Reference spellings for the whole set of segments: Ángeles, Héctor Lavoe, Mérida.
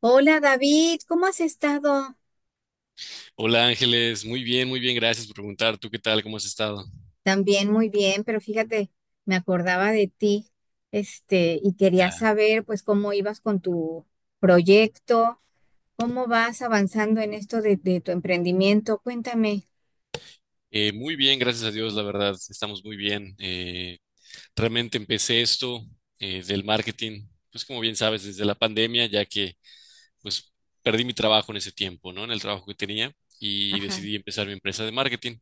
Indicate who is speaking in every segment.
Speaker 1: Hola David, ¿cómo has estado?
Speaker 2: Hola Ángeles, muy bien, gracias por preguntar. ¿Tú qué tal? ¿Cómo has estado?
Speaker 1: También muy bien, pero fíjate, me acordaba de ti, y quería
Speaker 2: Ya.
Speaker 1: saber pues cómo ibas con tu proyecto, cómo vas avanzando en esto de tu emprendimiento, cuéntame.
Speaker 2: Muy bien, gracias a Dios, la verdad, estamos muy bien. Realmente empecé esto del marketing, pues como bien sabes, desde la pandemia, ya que pues perdí mi trabajo en ese tiempo, ¿no? En el trabajo que tenía y
Speaker 1: Ajá,
Speaker 2: decidí empezar mi empresa de marketing.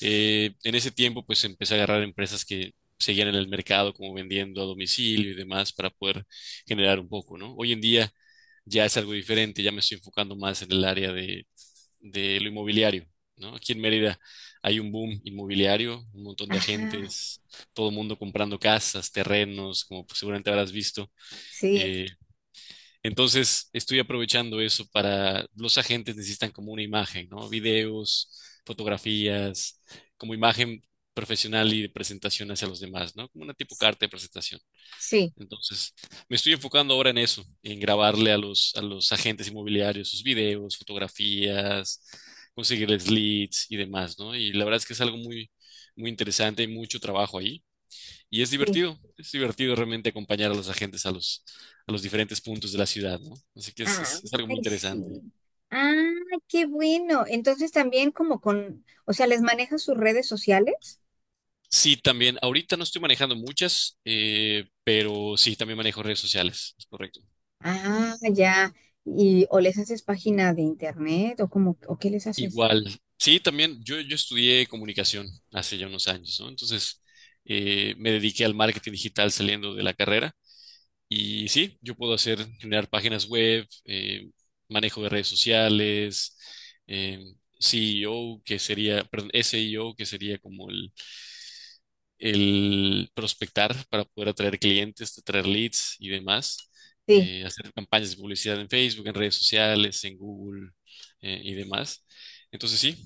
Speaker 2: En ese tiempo, pues empecé a agarrar empresas que seguían en el mercado, como vendiendo a domicilio y demás, para poder generar un poco, ¿no? Hoy en día ya es algo diferente, ya me estoy enfocando más en el área de lo inmobiliario, ¿no? Aquí en Mérida hay un boom inmobiliario, un montón de
Speaker 1: ajá,
Speaker 2: agentes, todo el mundo comprando casas, terrenos, como pues, seguramente habrás visto.
Speaker 1: sí,
Speaker 2: Eh, entonces, estoy aprovechando eso para los agentes necesitan como una imagen, ¿no? Videos, fotografías, como imagen profesional y de presentación hacia los demás, ¿no? Como una tipo carta de presentación.
Speaker 1: sí,
Speaker 2: Entonces, me estoy enfocando ahora en eso, en grabarle a los agentes inmobiliarios sus videos, fotografías, conseguirles leads y demás, ¿no? Y la verdad es que es algo muy, muy interesante y mucho trabajo ahí. Y
Speaker 1: sí.
Speaker 2: es divertido realmente acompañar a los agentes a los diferentes puntos de la ciudad, ¿no? Así que es,
Speaker 1: Ah,
Speaker 2: es algo muy
Speaker 1: ay,
Speaker 2: interesante.
Speaker 1: sí. Ah, qué bueno. Entonces también como con, o sea, ¿les manejas sus redes sociales?
Speaker 2: Sí, también, ahorita no estoy manejando muchas, pero sí, también manejo redes sociales, es correcto.
Speaker 1: Ah, ya. ¿Y o les haces página de internet o cómo, o qué les haces?
Speaker 2: Igual, sí, también yo estudié comunicación hace ya unos años, ¿no? Entonces, me dediqué al marketing digital saliendo de la carrera. Y sí, yo puedo hacer, generar páginas web, manejo de redes sociales, eh, CEO, que sería, perdón, SEO, que sería como el prospectar para poder atraer clientes, atraer leads y demás,
Speaker 1: Sí.
Speaker 2: hacer campañas de publicidad en Facebook, en redes sociales, en Google, y demás. Entonces sí,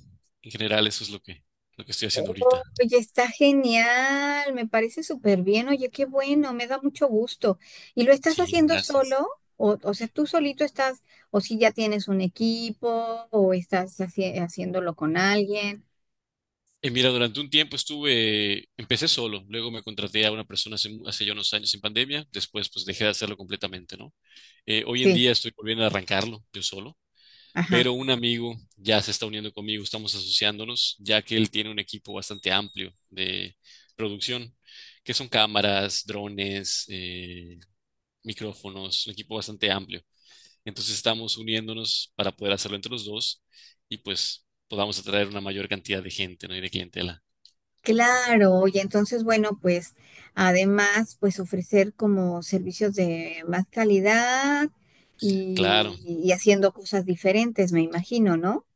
Speaker 2: en general eso es lo que estoy haciendo ahorita.
Speaker 1: Oye, está genial, me parece súper bien. Oye, qué bueno, me da mucho gusto. ¿Y lo estás
Speaker 2: Sí, no,
Speaker 1: haciendo solo?
Speaker 2: gracias.
Speaker 1: O sea, tú solito estás, o si ya tienes un equipo, o estás haciéndolo con alguien.
Speaker 2: Mira, durante un tiempo estuve, empecé solo, luego me contraté a una persona hace ya unos años en pandemia, después pues dejé de hacerlo completamente, ¿no? Hoy en
Speaker 1: Sí,
Speaker 2: día estoy volviendo a arrancarlo yo solo,
Speaker 1: ajá.
Speaker 2: pero un amigo ya se está uniendo conmigo, estamos asociándonos, ya que él tiene un equipo bastante amplio de producción, que son cámaras, drones, micrófonos, un equipo bastante amplio. Entonces estamos uniéndonos para poder hacerlo entre los dos y pues podamos atraer una mayor cantidad de gente, ¿no? Y de clientela.
Speaker 1: Claro, y entonces, bueno, pues además, pues ofrecer como servicios de más calidad
Speaker 2: Claro.
Speaker 1: y haciendo cosas diferentes, me imagino, ¿no?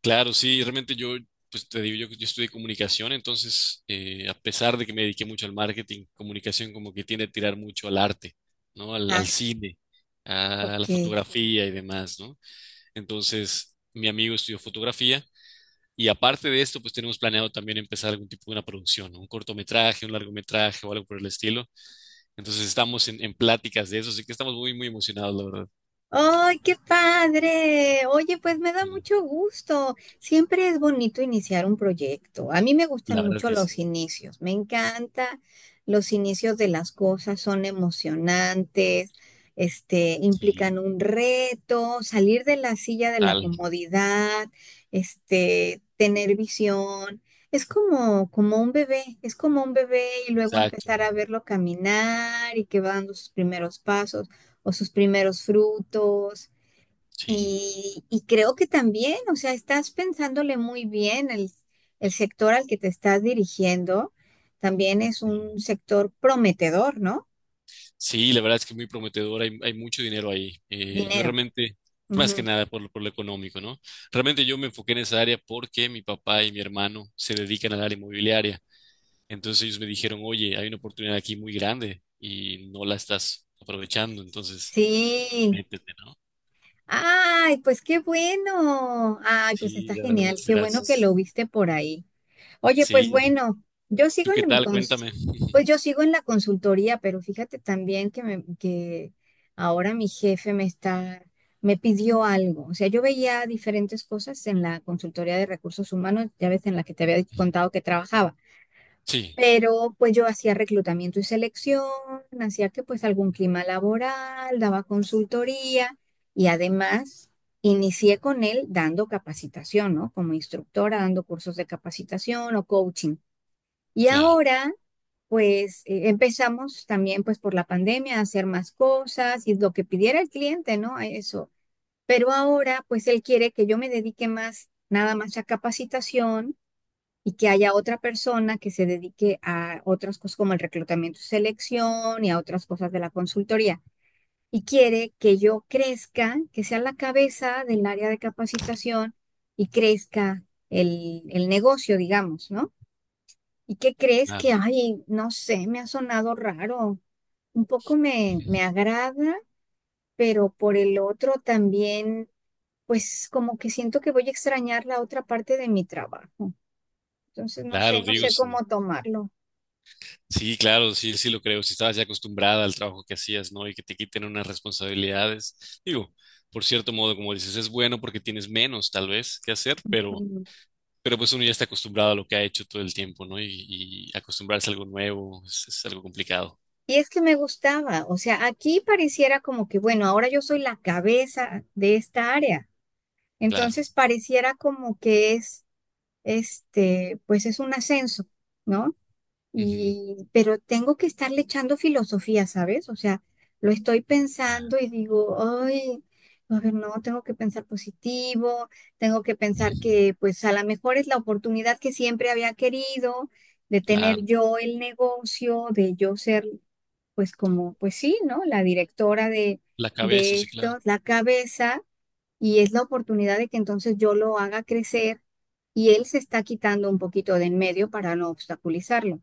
Speaker 2: Claro, sí, realmente yo, pues te digo, yo estudié comunicación, entonces, a pesar de que me dediqué mucho al marketing, comunicación como que tiende a tirar mucho al arte, ¿no? Al,
Speaker 1: Ah,
Speaker 2: al cine, a la
Speaker 1: ok.
Speaker 2: fotografía y demás, ¿no? Entonces, mi amigo estudió fotografía y aparte de esto, pues tenemos planeado también empezar algún tipo de una producción, ¿no? Un cortometraje, un largometraje o algo por el estilo. Entonces, estamos en pláticas de eso, así que estamos muy, muy emocionados, la verdad.
Speaker 1: ¡Ay, qué padre! Oye, pues me da
Speaker 2: Sí,
Speaker 1: mucho gusto. Siempre es bonito iniciar un proyecto. A mí me gustan
Speaker 2: la verdad
Speaker 1: mucho
Speaker 2: que sí,
Speaker 1: los inicios. Me encanta los inicios de las cosas. Son emocionantes,
Speaker 2: sí,
Speaker 1: implican un reto, salir de la silla de la
Speaker 2: total,
Speaker 1: comodidad, tener visión. Es como un bebé, es como un bebé y luego
Speaker 2: exacto,
Speaker 1: empezar a verlo caminar y que va dando sus primeros pasos o sus primeros frutos.
Speaker 2: sí.
Speaker 1: Y creo que también, o sea, estás pensándole muy bien el sector al que te estás dirigiendo. También es un sector prometedor, ¿no?
Speaker 2: Sí, la verdad es que es muy prometedor, hay mucho dinero ahí. Yo
Speaker 1: Dinero.
Speaker 2: realmente, más que
Speaker 1: Ujú.
Speaker 2: nada por lo económico, ¿no? Realmente yo me enfoqué en esa área porque mi papá y mi hermano se dedican al área inmobiliaria. Entonces ellos me dijeron, oye, hay una oportunidad aquí muy grande y no la estás aprovechando, entonces
Speaker 1: Sí.
Speaker 2: métete, ¿no?
Speaker 1: Ay, pues qué bueno. Ay, pues
Speaker 2: Sí,
Speaker 1: está
Speaker 2: la verdad,
Speaker 1: genial.
Speaker 2: muchas
Speaker 1: Qué bueno que
Speaker 2: gracias.
Speaker 1: lo viste por ahí. Oye, pues
Speaker 2: Sí,
Speaker 1: bueno, yo
Speaker 2: ¿tú
Speaker 1: sigo
Speaker 2: qué
Speaker 1: en mi
Speaker 2: tal? Cuéntame.
Speaker 1: pues yo sigo en la consultoría, pero fíjate también que que ahora mi jefe me está, me pidió algo. O sea, yo veía diferentes cosas en la consultoría de recursos humanos, ya ves en la que te había contado que trabajaba.
Speaker 2: Sí,
Speaker 1: Pero pues yo hacía reclutamiento y selección, hacía que pues algún clima laboral, daba consultoría y además inicié con él dando capacitación, ¿no? Como instructora, dando cursos de capacitación o coaching. Y
Speaker 2: claro,
Speaker 1: ahora, pues empezamos también pues por la pandemia a hacer más cosas y lo que pidiera el cliente, ¿no? A eso. Pero ahora, pues él quiere que yo me dedique más, nada más a capacitación y que haya otra persona que se dedique a otras cosas como el reclutamiento y selección y a otras cosas de la consultoría. Y quiere que yo crezca, que sea la cabeza del área de capacitación y crezca el negocio, digamos, ¿no? ¿Y qué crees
Speaker 2: claro,
Speaker 1: que, ay, no sé, me ha sonado raro? Un poco me agrada, pero por el otro también, pues como que siento que voy a extrañar la otra parte de mi trabajo. Entonces, no sé,
Speaker 2: claro,
Speaker 1: no
Speaker 2: digo,
Speaker 1: sé cómo
Speaker 2: sí.
Speaker 1: tomarlo.
Speaker 2: Sí, claro, sí, sí lo creo. Si estabas ya acostumbrada al trabajo que hacías, ¿no? Y que te quiten unas responsabilidades. Digo, por cierto modo, como dices, es bueno porque tienes menos, tal vez, que hacer,
Speaker 1: Mm.
Speaker 2: pero pues uno ya está acostumbrado a lo que ha hecho todo el tiempo, ¿no? Y acostumbrarse a algo nuevo es algo complicado,
Speaker 1: Y es que me gustaba, o sea, aquí pareciera como que, bueno, ahora yo soy la cabeza de esta área.
Speaker 2: claro.
Speaker 1: Entonces, pareciera como que es, pues es un ascenso, ¿no?
Speaker 2: Ujú.
Speaker 1: Y, pero tengo que estarle echando filosofía, ¿sabes? O sea, lo estoy
Speaker 2: Ah,
Speaker 1: pensando y digo, ay, a ver, no, tengo que pensar positivo, tengo que pensar
Speaker 2: ujú.
Speaker 1: que pues a lo mejor es la oportunidad que siempre había querido de tener
Speaker 2: Claro.
Speaker 1: yo el negocio, de yo ser pues como, pues sí, ¿no? La directora
Speaker 2: La cabeza,
Speaker 1: de
Speaker 2: sí, claro.
Speaker 1: esto, la cabeza, y es la oportunidad de que entonces yo lo haga crecer y él se está quitando un poquito de en medio para no obstaculizarlo.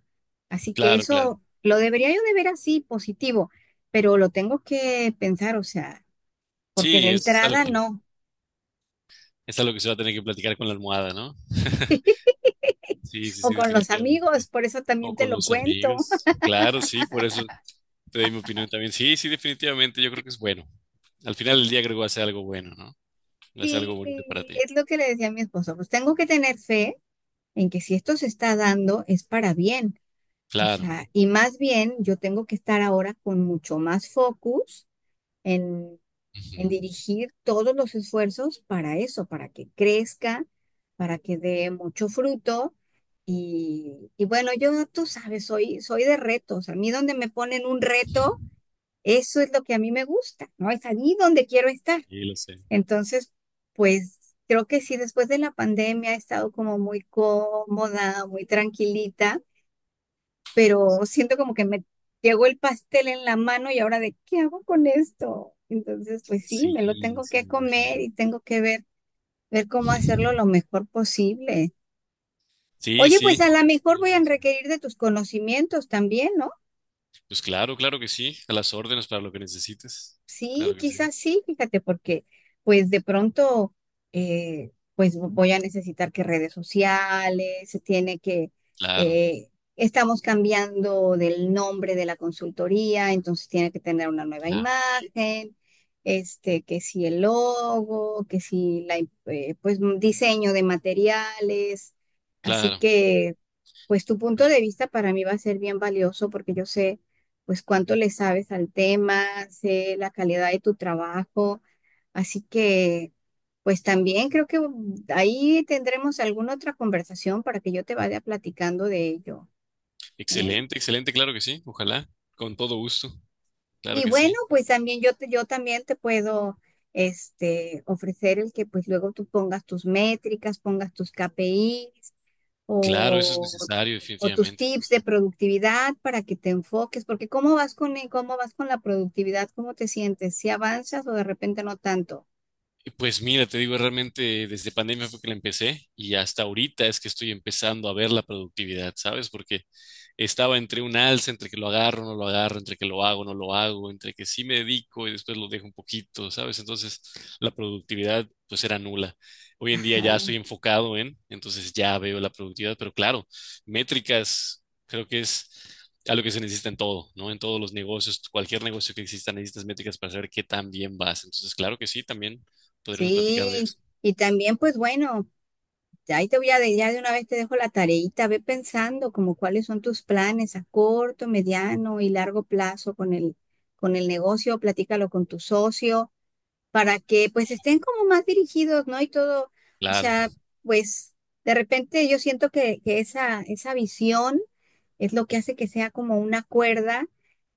Speaker 1: Así que
Speaker 2: Claro, claro.
Speaker 1: eso lo debería yo de ver así, positivo, pero lo tengo que pensar, o sea, porque de
Speaker 2: Sí,
Speaker 1: entrada no,
Speaker 2: es algo que se va a tener que platicar con la almohada, ¿no? Sí, sí,
Speaker 1: o
Speaker 2: sí,
Speaker 1: con los amigos,
Speaker 2: definitivamente.
Speaker 1: por eso
Speaker 2: O
Speaker 1: también te
Speaker 2: con
Speaker 1: lo
Speaker 2: los
Speaker 1: cuento.
Speaker 2: amigos. Claro, sí, por eso te doy mi opinión también. Sí, sí, definitivamente yo creo que es bueno. Al final del día creo que va a ser algo bueno, ¿no? Va a ser
Speaker 1: Sí,
Speaker 2: algo bonito para ti.
Speaker 1: es lo que le decía a mi esposo, pues tengo que tener fe en que si esto se está dando es para bien. O
Speaker 2: Claro.
Speaker 1: sea, y más bien yo tengo que estar ahora con mucho más focus en,
Speaker 2: Ujú.
Speaker 1: en dirigir todos los esfuerzos para eso, para que crezca, para que dé mucho fruto. Y bueno, yo, tú sabes, soy, soy de retos. A mí donde me ponen un reto, eso es lo que a mí me gusta, ¿no? Es allí donde quiero estar.
Speaker 2: Sí, lo sé.
Speaker 1: Entonces, pues creo que sí, después de la pandemia he estado como muy cómoda, muy tranquilita, pero siento como que me llegó el pastel en la mano y ahora de qué hago con esto. Entonces, pues sí, me lo
Speaker 2: Sí,
Speaker 1: tengo
Speaker 2: sí,
Speaker 1: que
Speaker 2: me
Speaker 1: comer
Speaker 2: imagino.
Speaker 1: y tengo que ver, ver cómo hacerlo lo mejor posible.
Speaker 2: Sí,
Speaker 1: Oye, pues
Speaker 2: sí.
Speaker 1: a lo mejor
Speaker 2: Lo
Speaker 1: voy a
Speaker 2: mismo.
Speaker 1: requerir de tus conocimientos también, ¿no?
Speaker 2: Pues claro, claro que sí. A las órdenes para lo que necesites.
Speaker 1: Sí,
Speaker 2: Claro que sí.
Speaker 1: quizás sí, fíjate, porque pues de pronto pues voy a necesitar que redes sociales, se tiene que,
Speaker 2: Claro,
Speaker 1: eh, estamos cambiando del nombre de la consultoría, entonces tiene que tener una nueva
Speaker 2: claro,
Speaker 1: imagen, que si el logo, que si pues un diseño de materiales, así
Speaker 2: claro.
Speaker 1: que pues tu punto de vista para mí va a ser bien valioso porque yo sé pues cuánto le sabes al tema, sé la calidad de tu trabajo. Así que, pues también creo que mm, ahí tendremos alguna otra conversación para que yo te vaya platicando de ello, ¿eh?
Speaker 2: Excelente, excelente, claro que sí. Ojalá. Con todo gusto. Claro
Speaker 1: Y
Speaker 2: que
Speaker 1: bueno,
Speaker 2: sí.
Speaker 1: pues también yo, yo también te puedo ofrecer el que pues luego tú pongas tus métricas, pongas tus KPIs
Speaker 2: Claro, eso es
Speaker 1: o,
Speaker 2: necesario,
Speaker 1: o tus
Speaker 2: definitivamente.
Speaker 1: tips de productividad para que te enfoques, porque ¿cómo vas con, cómo vas con la productividad? ¿Cómo te sientes? ¿Si avanzas o de repente no tanto?
Speaker 2: Pues mira, te digo, realmente desde pandemia fue que la empecé y hasta ahorita es que estoy empezando a ver la productividad, ¿sabes? Porque estaba entre un alza, entre que lo agarro, no lo agarro, entre que lo hago, no lo hago, entre que sí me dedico y después lo dejo un poquito, ¿sabes? Entonces la productividad pues era nula. Hoy en día ya estoy
Speaker 1: Ah,
Speaker 2: enfocado en, entonces ya veo la productividad, pero claro, métricas creo que es algo que se necesita en todo, ¿no? En todos los negocios, cualquier negocio que exista necesitas métricas para saber qué tan bien vas. Entonces, claro que sí, también podremos platicar de
Speaker 1: sí,
Speaker 2: eso.
Speaker 1: y también pues bueno, ya ahí te voy ya de una vez te dejo la tareita, ve pensando como cuáles son tus planes a corto, mediano y largo plazo con el negocio, platícalo con tu socio para que pues estén como más dirigidos, ¿no? Y todo, o
Speaker 2: Claro,
Speaker 1: sea, pues de repente yo siento que esa visión es lo que hace que sea como una cuerda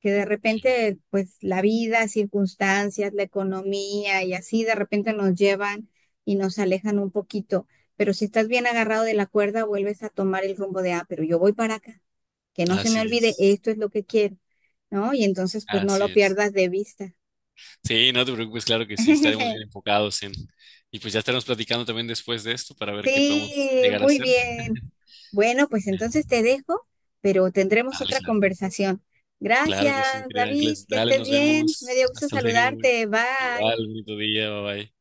Speaker 1: que de
Speaker 2: sí.
Speaker 1: repente pues la vida, circunstancias, la economía y así de repente nos llevan y nos alejan un poquito. Pero si estás bien agarrado de la cuerda, vuelves a tomar el rumbo de, ah, pero yo voy para acá, que no se me
Speaker 2: Así
Speaker 1: olvide,
Speaker 2: es.
Speaker 1: esto es lo que quiero, ¿no? Y entonces pues no
Speaker 2: Así
Speaker 1: lo
Speaker 2: es.
Speaker 1: pierdas de vista.
Speaker 2: Sí, no te preocupes, claro que sí, estaremos bien enfocados en... Y pues ya estaremos platicando también después de esto para ver qué podemos
Speaker 1: Sí,
Speaker 2: llegar a
Speaker 1: muy
Speaker 2: hacer.
Speaker 1: bien. Bueno, pues entonces te dejo, pero tendremos
Speaker 2: Dale,
Speaker 1: otra
Speaker 2: claro.
Speaker 1: conversación.
Speaker 2: Claro
Speaker 1: Gracias,
Speaker 2: que sí, mi querida
Speaker 1: David,
Speaker 2: Ángeles.
Speaker 1: que
Speaker 2: Dale,
Speaker 1: estés
Speaker 2: nos
Speaker 1: bien. Me
Speaker 2: vemos.
Speaker 1: dio gusto
Speaker 2: Hasta luego.
Speaker 1: saludarte. Bye.
Speaker 2: Igual, bonito día, bye bye.